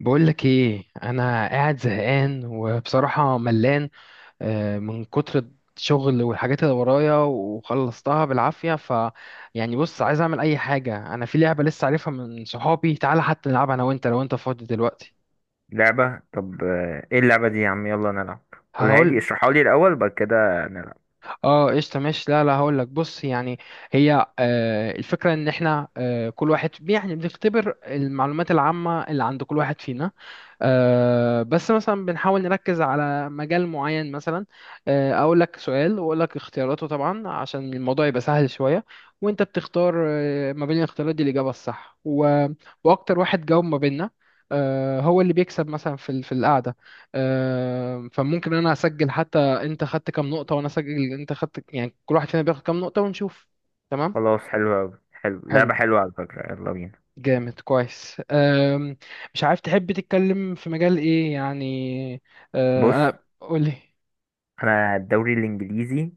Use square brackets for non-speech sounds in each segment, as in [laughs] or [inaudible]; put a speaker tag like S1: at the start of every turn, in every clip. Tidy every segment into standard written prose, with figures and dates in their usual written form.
S1: بقولك ايه، انا قاعد زهقان وبصراحة ملان، من كتر الشغل والحاجات اللي ورايا وخلصتها بالعافية. يعني بص، عايز اعمل اي حاجة. انا في لعبة لسه عارفها من صحابي، تعالى حتى نلعبها انا وانت لو انت فاضي دلوقتي.
S2: لعبة. طب ايه اللعبة دي يا عم؟ يلا نلعب. قولها لي،
S1: هقول.
S2: اشرحها لي الأول بعد كده نلعب.
S1: اه قشطه ماشي. لا لا، هقول لك. بص يعني، هي الفكره ان احنا، كل واحد يعني بنختبر المعلومات العامه اللي عند كل واحد فينا. بس مثلا بنحاول نركز على مجال معين. مثلا اقول لك سؤال واقول لك اختياراته، طبعا عشان الموضوع يبقى سهل شويه، وانت بتختار ما بين الاختيارات دي الاجابه الصح، واكتر واحد جاوب ما بيننا هو اللي بيكسب مثلا في القعده. فممكن انا اسجل حتى انت خدت كام نقطة، وانا سجل انت خدت. يعني كل واحد فينا بياخد كام نقطة ونشوف. تمام.
S2: خلاص، حلو أوي، حلو،
S1: حلو.
S2: لعبة حلوة على فكرة، يلا بينا.
S1: جامد، كويس. مش عارف تحب تتكلم في مجال ايه يعني.
S2: بص،
S1: انا قولي.
S2: أنا الدوري الإنجليزي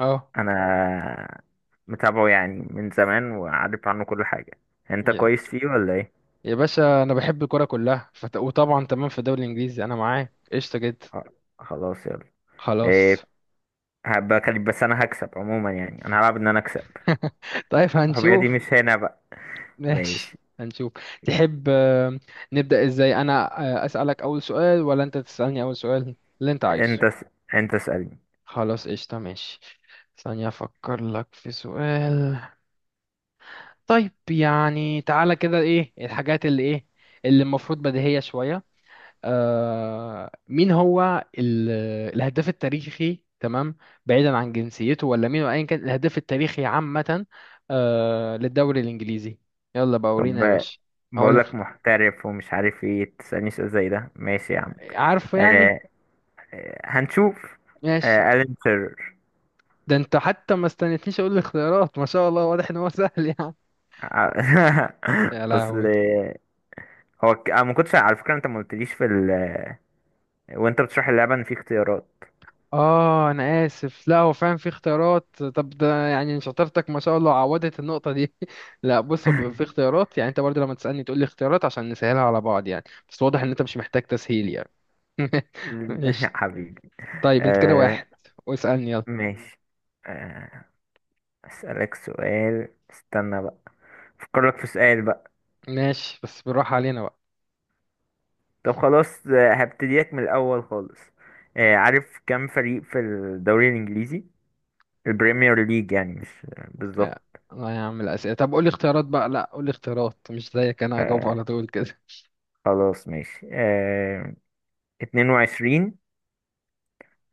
S1: اه
S2: أنا متابعه يعني من زمان وعارف عنه كل حاجة. أنت
S1: يا
S2: كويس فيه ولا ايه؟
S1: باشا، انا بحب الكرة كلها، وطبعا تمام، في الدوري الانجليزي انا معاك قشطة جدا.
S2: خ- خلاص يلا. إيه،
S1: خلاص.
S2: هبقى كلب بس أنا هكسب عموما، يعني أنا هلعب إن أنا أكسب.
S1: [laughs] طيب
S2: الحبيبة دي
S1: هنشوف.
S2: مش هنا بقى. ماشي.
S1: ماشي هنشوف. تحب، نبدأ ازاي؟ انا اسألك اول سؤال ولا انت تسألني اول سؤال اللي انت عايزه؟
S2: أنت س... أنت اسألني.
S1: خلاص قشطة ماشي. ثانية أفكر لك في سؤال. طيب يعني تعالى كده، إيه الحاجات اللي إيه اللي المفروض بديهية شوية؟ مين هو الهداف التاريخي؟ تمام، بعيدا عن جنسيته ولا مين وأيا كان، الهداف التاريخي عامة، للدوري الإنجليزي. يلا بقى
S2: طب،
S1: ورينا يا باشا. هقول لك.
S2: بقولك محترف ومش عارف ايه تسألني سؤال زي ده، ماشي يا عم.
S1: عارفه يعني؟
S2: آه. آه، هنشوف.
S1: ماشي.
S2: آه، ألين تيرر.
S1: ده أنت حتى ما استنيتنيش أقول الاختيارات، ما شاء الله، واضح إن هو [laughs] سهل يعني.
S2: [laughs]
S1: يا
S2: اصل
S1: لهوي.
S2: انا ما كنتش على فكرة، انت ما قلتليش في وانت بتشرح اللعبة ان في اختيارات.
S1: اه انا اسف، لا هو فعلا في اختيارات. طب ده يعني شطارتك ما شاء الله، عوضت النقطه دي. [laughs] لا بص، هو بيبقى في اختيارات، يعني انت برضه لما تسالني تقول لي اختيارات عشان نسهلها على بعض يعني. بس واضح ان انت مش محتاج تسهيل يعني.
S2: [laughs]
S1: ماشي.
S2: حبيبي.
S1: طيب انت كده
S2: آه
S1: واحد، واسالني يلا.
S2: ماشي آه، اسألك سؤال، استنى بقى افكرلك في سؤال بقى.
S1: ماشي بس بالراحه علينا بقى.
S2: طب خلاص، هبتديلك من الاول خالص. آه، عارف كم فريق في الدوري الانجليزي، البريمير ليج يعني، مش
S1: يا-
S2: بالظبط؟
S1: الله يا عم الاسئله. طب قول لي اختيارات بقى، لا قول لي اختيارات، مش زيك انا هجاوب
S2: آه
S1: على طول كده.
S2: خلاص ماشي. آه، 22،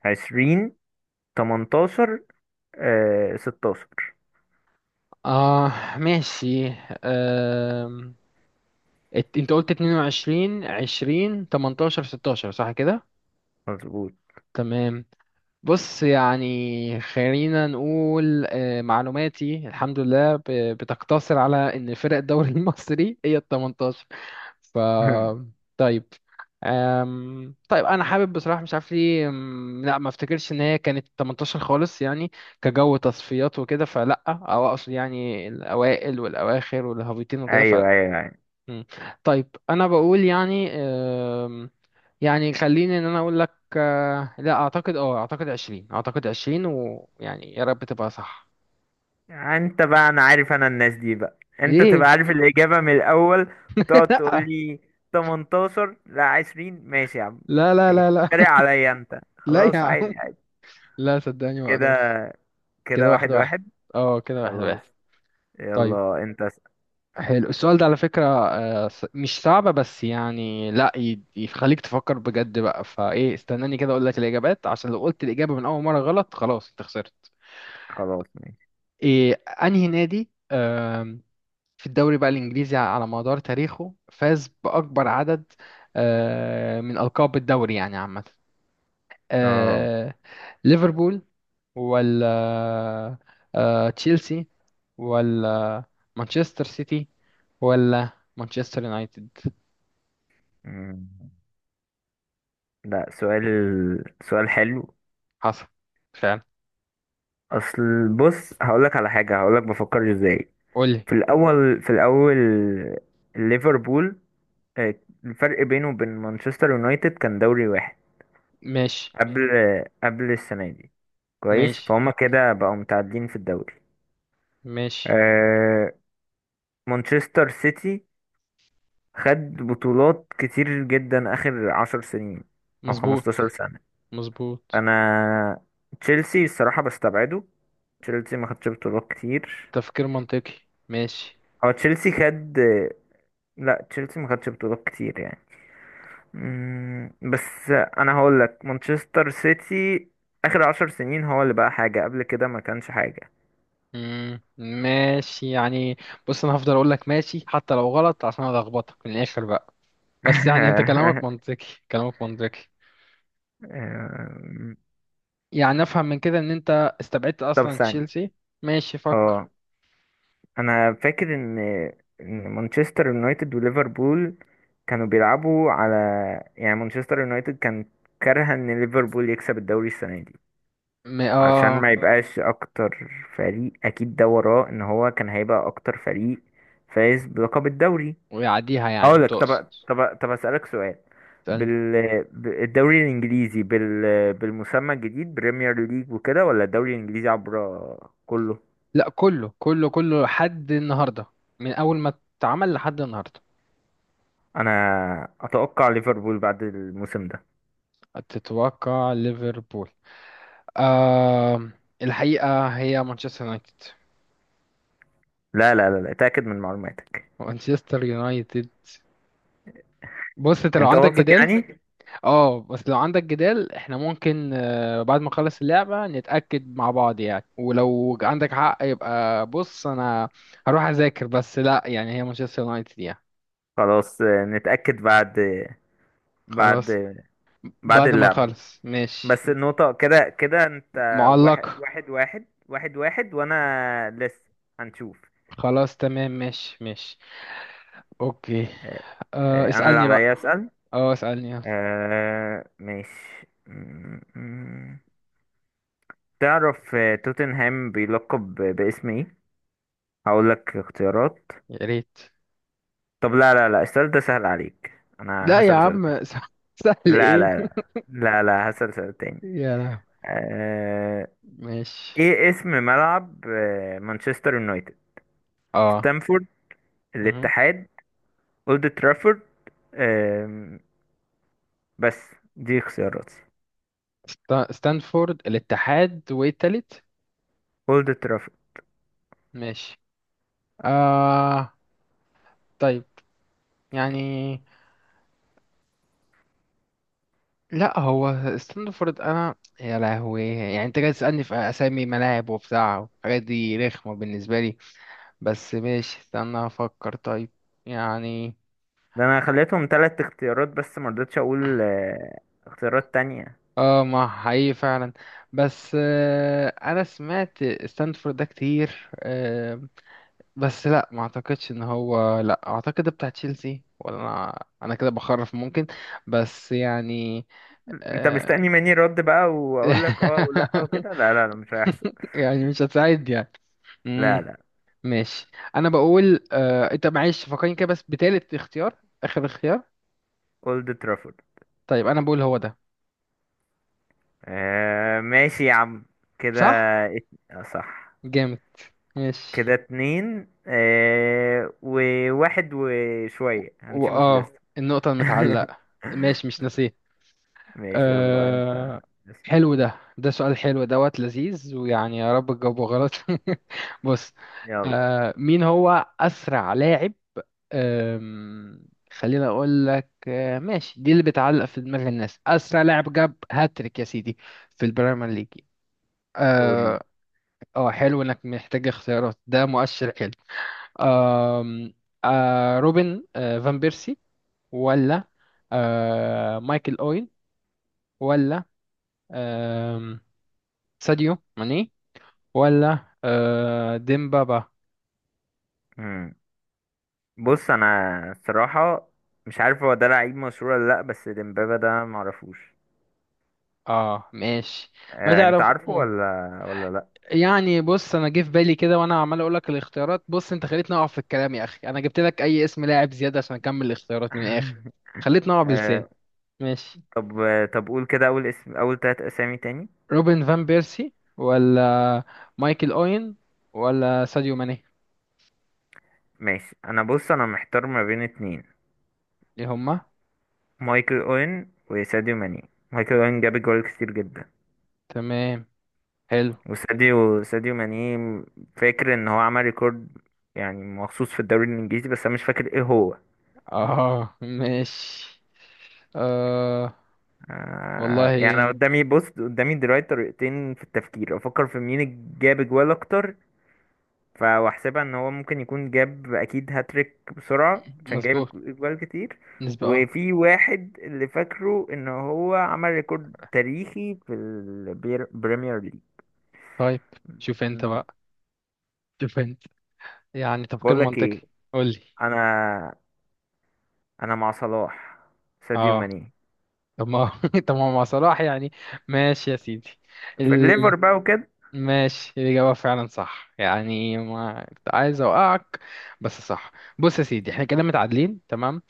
S2: 20، 18، آه 16.
S1: اه ماشي. أم... انت قلت 22، 20، 18، 16، صح كده؟
S2: مظبوط.
S1: تمام. بص يعني خلينا نقول، معلوماتي الحمد لله بتقتصر على ان فرق الدوري [laughs] المصري هي ال 18. ف
S2: [laughs]
S1: طيب. طيب انا حابب بصراحه، مش عارف ليه، لا ما افتكرش ان هي كانت 18 خالص يعني، كجو تصفيات وكده فلا، او اقصد يعني الاوائل والاواخر والهابطين وكده
S2: ايوه
S1: فلا.
S2: ايوه ايوه.
S1: مم. طيب انا بقول يعني، يعني خليني ان انا اقول لك، لا اعتقد، اعتقد 20، اعتقد 20، ويعني يا رب تبقى صح.
S2: انت بقى، انا عارف انا الناس دي بقى، انت تبقى
S1: ليه؟
S2: عارف الاجابه من الاول وتقعد تقول
S1: [laughs]
S2: لي 18 لا 20. ماشي يا عم،
S1: لا لا لا
S2: ماشي،
S1: لا لا.
S2: تريق عليا انت،
S1: [laughs] لا يا
S2: خلاص
S1: عم،
S2: عادي عادي.
S1: لا صدقني ما
S2: كده
S1: اقدرش.
S2: كده
S1: كده واحد
S2: واحد
S1: واحد.
S2: واحد.
S1: اه كده واحد واحد.
S2: خلاص،
S1: طيب،
S2: يلا انت اسأل.
S1: حلو السؤال ده على فكرة، مش صعبة بس يعني، لا يخليك تفكر بجد بقى. فايه استناني كده اقول لك الاجابات؟ عشان لو قلت الاجابة من اول مرة غلط خلاص انت خسرت.
S2: خلاص ماشي
S1: إيه؟ انهي نادي في الدوري بقى الإنجليزي على مدار تاريخه فاز بأكبر عدد من ألقاب الدوري يعني عامة؟
S2: اه.
S1: آه، ليفربول، ولا تشيلسي، ولا مانشستر سيتي، ولا مانشستر يونايتد؟
S2: مم. لا سؤال، سؤال حلو.
S1: حصل فعلا.
S2: اصل بص هقولك على حاجه، هقولك بفكر ازاي.
S1: قولي.
S2: في الاول، ليفربول آه، الفرق بينه وبين مانشستر يونايتد كان دوري واحد
S1: ماشي.
S2: قبل السنه دي، كويس؟
S1: ماشي.
S2: فهم كده بقوا متعادلين في الدوري.
S1: ماشي.
S2: آه، مانشستر سيتي خد بطولات كتير جدا اخر عشر سنين او خمستاشر
S1: مظبوط.
S2: سنه.
S1: مظبوط.
S2: انا تشيلسي الصراحه بستبعده، تشيلسي ما خدش بطولات كتير.
S1: تفكير منطقي. ماشي.
S2: هو تشيلسي خد، لا تشيلسي ما خدش بطولات كتير يعني. مم، بس انا هقول لك مانشستر سيتي. اخر عشر سنين هو اللي بقى حاجة، قبل كده ما كانش حاجة.
S1: ماشي يعني. بص انا هفضل اقول لك ماشي حتى لو غلط عشان الخبطك من الاخر بقى. بس يعني انت كلامك
S2: [laughs]
S1: منطقي، كلامك منطقي
S2: أم،
S1: يعني. افهم من كده ان انت استبعدت
S2: طب
S1: اصلا
S2: ثانية.
S1: تشيلسي؟ ماشي فكر.
S2: اه، انا فاكر ان مانشستر يونايتد وليفربول كانوا بيلعبوا على، يعني مانشستر يونايتد كان كارهة ان ليفربول يكسب الدوري السنة دي
S1: م...
S2: علشان
S1: اه
S2: ما يبقاش اكتر فريق. اكيد ده وراه، ان هو كان هيبقى اكتر فريق فايز بلقب الدوري.
S1: ويعديها يعني
S2: اقول لك،
S1: تقصد؟
S2: طب اسالك سؤال،
S1: استنى.
S2: بالدوري الانجليزي، بالمسمى الجديد بريمير ليج وكده، ولا الدوري الانجليزي عبر كله؟
S1: لا كله، كله كله لحد النهارده، من اول ما اتعمل لحد النهارده.
S2: انا اتوقع ليفربول بعد الموسم ده.
S1: تتوقع ليفربول؟ آه الحقيقة هي مانشستر يونايتد.
S2: لا، اتاكد من معلوماتك،
S1: مانشستر يونايتد. بص، انت لو
S2: انت
S1: عندك
S2: واثق
S1: جدال،
S2: يعني؟
S1: اه بس لو عندك جدال، احنا ممكن بعد ما نخلص اللعبة نتأكد مع بعض يعني. ولو عندك حق يبقى بص انا هروح اذاكر، بس لا يعني هي مانشستر يونايتد يعني.
S2: خلاص آه، نتاكد بعد بعد
S1: خلاص
S2: بعد
S1: بعد ما
S2: اللعبه.
S1: نخلص. ماشي
S2: بس النقطة كده كده انت واحد،
S1: معلق.
S2: واحد واحد واحد واحد، وانا لسه. هنشوف.
S1: خلاص تمام. ماشي ماشي. اوكي.
S2: آه، آه، انا اللي
S1: اسألني بقى.
S2: عليا اسأل.
S1: اه اسألني يلا.
S2: آه، ماشي. تعرف آه، توتنهام بيلقب باسم ايه؟ هقول لك اختيارات.
S1: يا ريت.
S2: طب لا لا لا، السؤال ده سهل عليك، انا
S1: لا يا
S2: هسأل سؤال تاني.
S1: عم. [laughs] سهل
S2: لا
S1: ايه؟
S2: لا لا لا، لا هسأل سؤال تاني.
S1: [laughs] يا لهوي.
S2: آه،
S1: ماشي.
S2: ايه اسم ملعب آه، مانشستر يونايتد؟
S1: اه.
S2: ستامفورد،
S1: مهم.
S2: الاتحاد، اولد ترافورد. آم، بس دي اختياراتي.
S1: ستانفورد، الاتحاد، وايه التالت؟
S2: اولد ترافورد.
S1: ماشي. آه طيب يعني، لا هو ستاندفورد انا، يا لهوي، يعني انت جاي تسألني في اسامي ملاعب وبتاع الحاجات دي رخمة بالنسبة لي. بس ماشي استنى افكر. طيب يعني،
S2: ده انا خليتهم ثلاث اختيارات بس، ما رضيتش اقول آه، اختيارات تانية.
S1: اه ما حقيقي فعلا. بس انا سمعت ستاندفورد ده كتير. بس لا ما اعتقدش ان هو، لا اعتقد ده بتاع تشيلسي، ولا انا انا كده بخرف ممكن، بس يعني.
S2: انت
S1: آه.
S2: مستني مني رد بقى واقول لك اه ولا
S1: [laughs]
S2: وكده؟ لا لا لا، مش هيحصل.
S1: [laughs] يعني مش هتساعد يعني.
S2: لا
S1: امم
S2: لا،
S1: ماشي. انا بقول انت معلش فكرني كده، بس بتالت اختيار، اخر اختيار.
S2: اولد ترافورد.
S1: طيب انا بقول هو ده.
S2: آه ماشي يا عم، كده.
S1: صح.
S2: آه، صح.
S1: جامد.
S2: كده
S1: ماشي.
S2: اتنين آه وواحد وشوية، هنشوف
S1: واه
S2: لسه.
S1: النقطة
S2: [laughs]
S1: المتعلقة. ماشي مش ناسيه.
S2: ماشي يلا انت.
S1: آه... حلو ده، ده سؤال حلو دوت لذيذ، ويعني يا رب تجاوبه غلط. [laughs] بص.
S2: يلا
S1: مين هو أسرع لاعب؟ أم، خليني اقول لك. ماشي دي اللي بتعلق في دماغ الناس، اسرع لاعب جاب هاتريك يا سيدي في البريمير ليج.
S2: قولي.
S1: اه. حلو انك محتاج اختيارات، ده مؤشر حلو. أم، روبن فان بيرسي، ولا مايكل اوين، ولا آم، ساديو ماني، ولا ديمبابا؟
S2: بص انا الصراحه مش عارف هو ده لعيب مشهور ولا لا، بس ديمبابا ده معرفوش.
S1: اه ماشي. ما
S2: آه، انت
S1: تعرف.
S2: عارفه ولا لا؟
S1: يعني بص، انا جه في بالي كده وانا عمال اقول لك الاختيارات، بص انت خليتني اقع في الكلام، يا اخي انا جبت لك اي اسم لاعب زياده عشان اكمل الاختيارات من الاخر.
S2: [laughs]
S1: خليتني اقع بلسان.
S2: آه.
S1: ماشي.
S2: طب، طب قول كده اول اسم، اول تلات اسامي تاني.
S1: روبن فان بيرسي، ولا مايكل اوين، ولا ساديو ماني؟
S2: ماشي. انا بص انا محتار ما بين اتنين،
S1: ايه هما؟
S2: مايكل اوين وساديو ماني. مايكل اوين جاب جوال كتير جدا.
S1: تمام. حلو.
S2: وساديو، ساديو ماني فاكر ان هو عمل ريكورد يعني مخصوص في الدوري الانجليزي، بس انا مش فاكر ايه هو.
S1: اه ماشي. آه والله
S2: آه، يعني أنا
S1: يعني.
S2: قدامي، بص قدامي دلوقتي طريقتين في التفكير. افكر في مين جاب جوال اكتر، واحسبها ان هو ممكن يكون جاب اكيد هاتريك بسرعة عشان جايب
S1: مظبوط.
S2: جوال كتير.
S1: نسبة اه.
S2: وفي واحد اللي فاكره ان هو عمل ريكورد تاريخي في البريمير ليج.
S1: طيب شوف انت
S2: مم.
S1: بقى. شوف انت، يعني تفكير
S2: بقول لك ايه،
S1: منطقي. قول لي.
S2: انا انا مع صلاح، ساديو
S1: اه.
S2: ماني،
S1: طب ما [laughs] طب ما مع صلاح يعني، ماشي يا سيدي.
S2: في
S1: ال...
S2: الليفر بقى وكده.
S1: ماشي، الإجابة فعلا صح، يعني ما كنت عايز أوقعك، بس صح. بص يا سيدي احنا كده متعادلين تمام.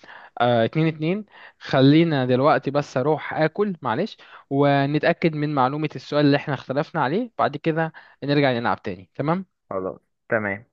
S1: اتنين اتنين. خلينا دلوقتي بس أروح آكل معلش، ونتأكد من معلومة السؤال اللي احنا اختلفنا عليه بعد كده، نرجع نلعب تاني. تمام.
S2: خلاص تمام.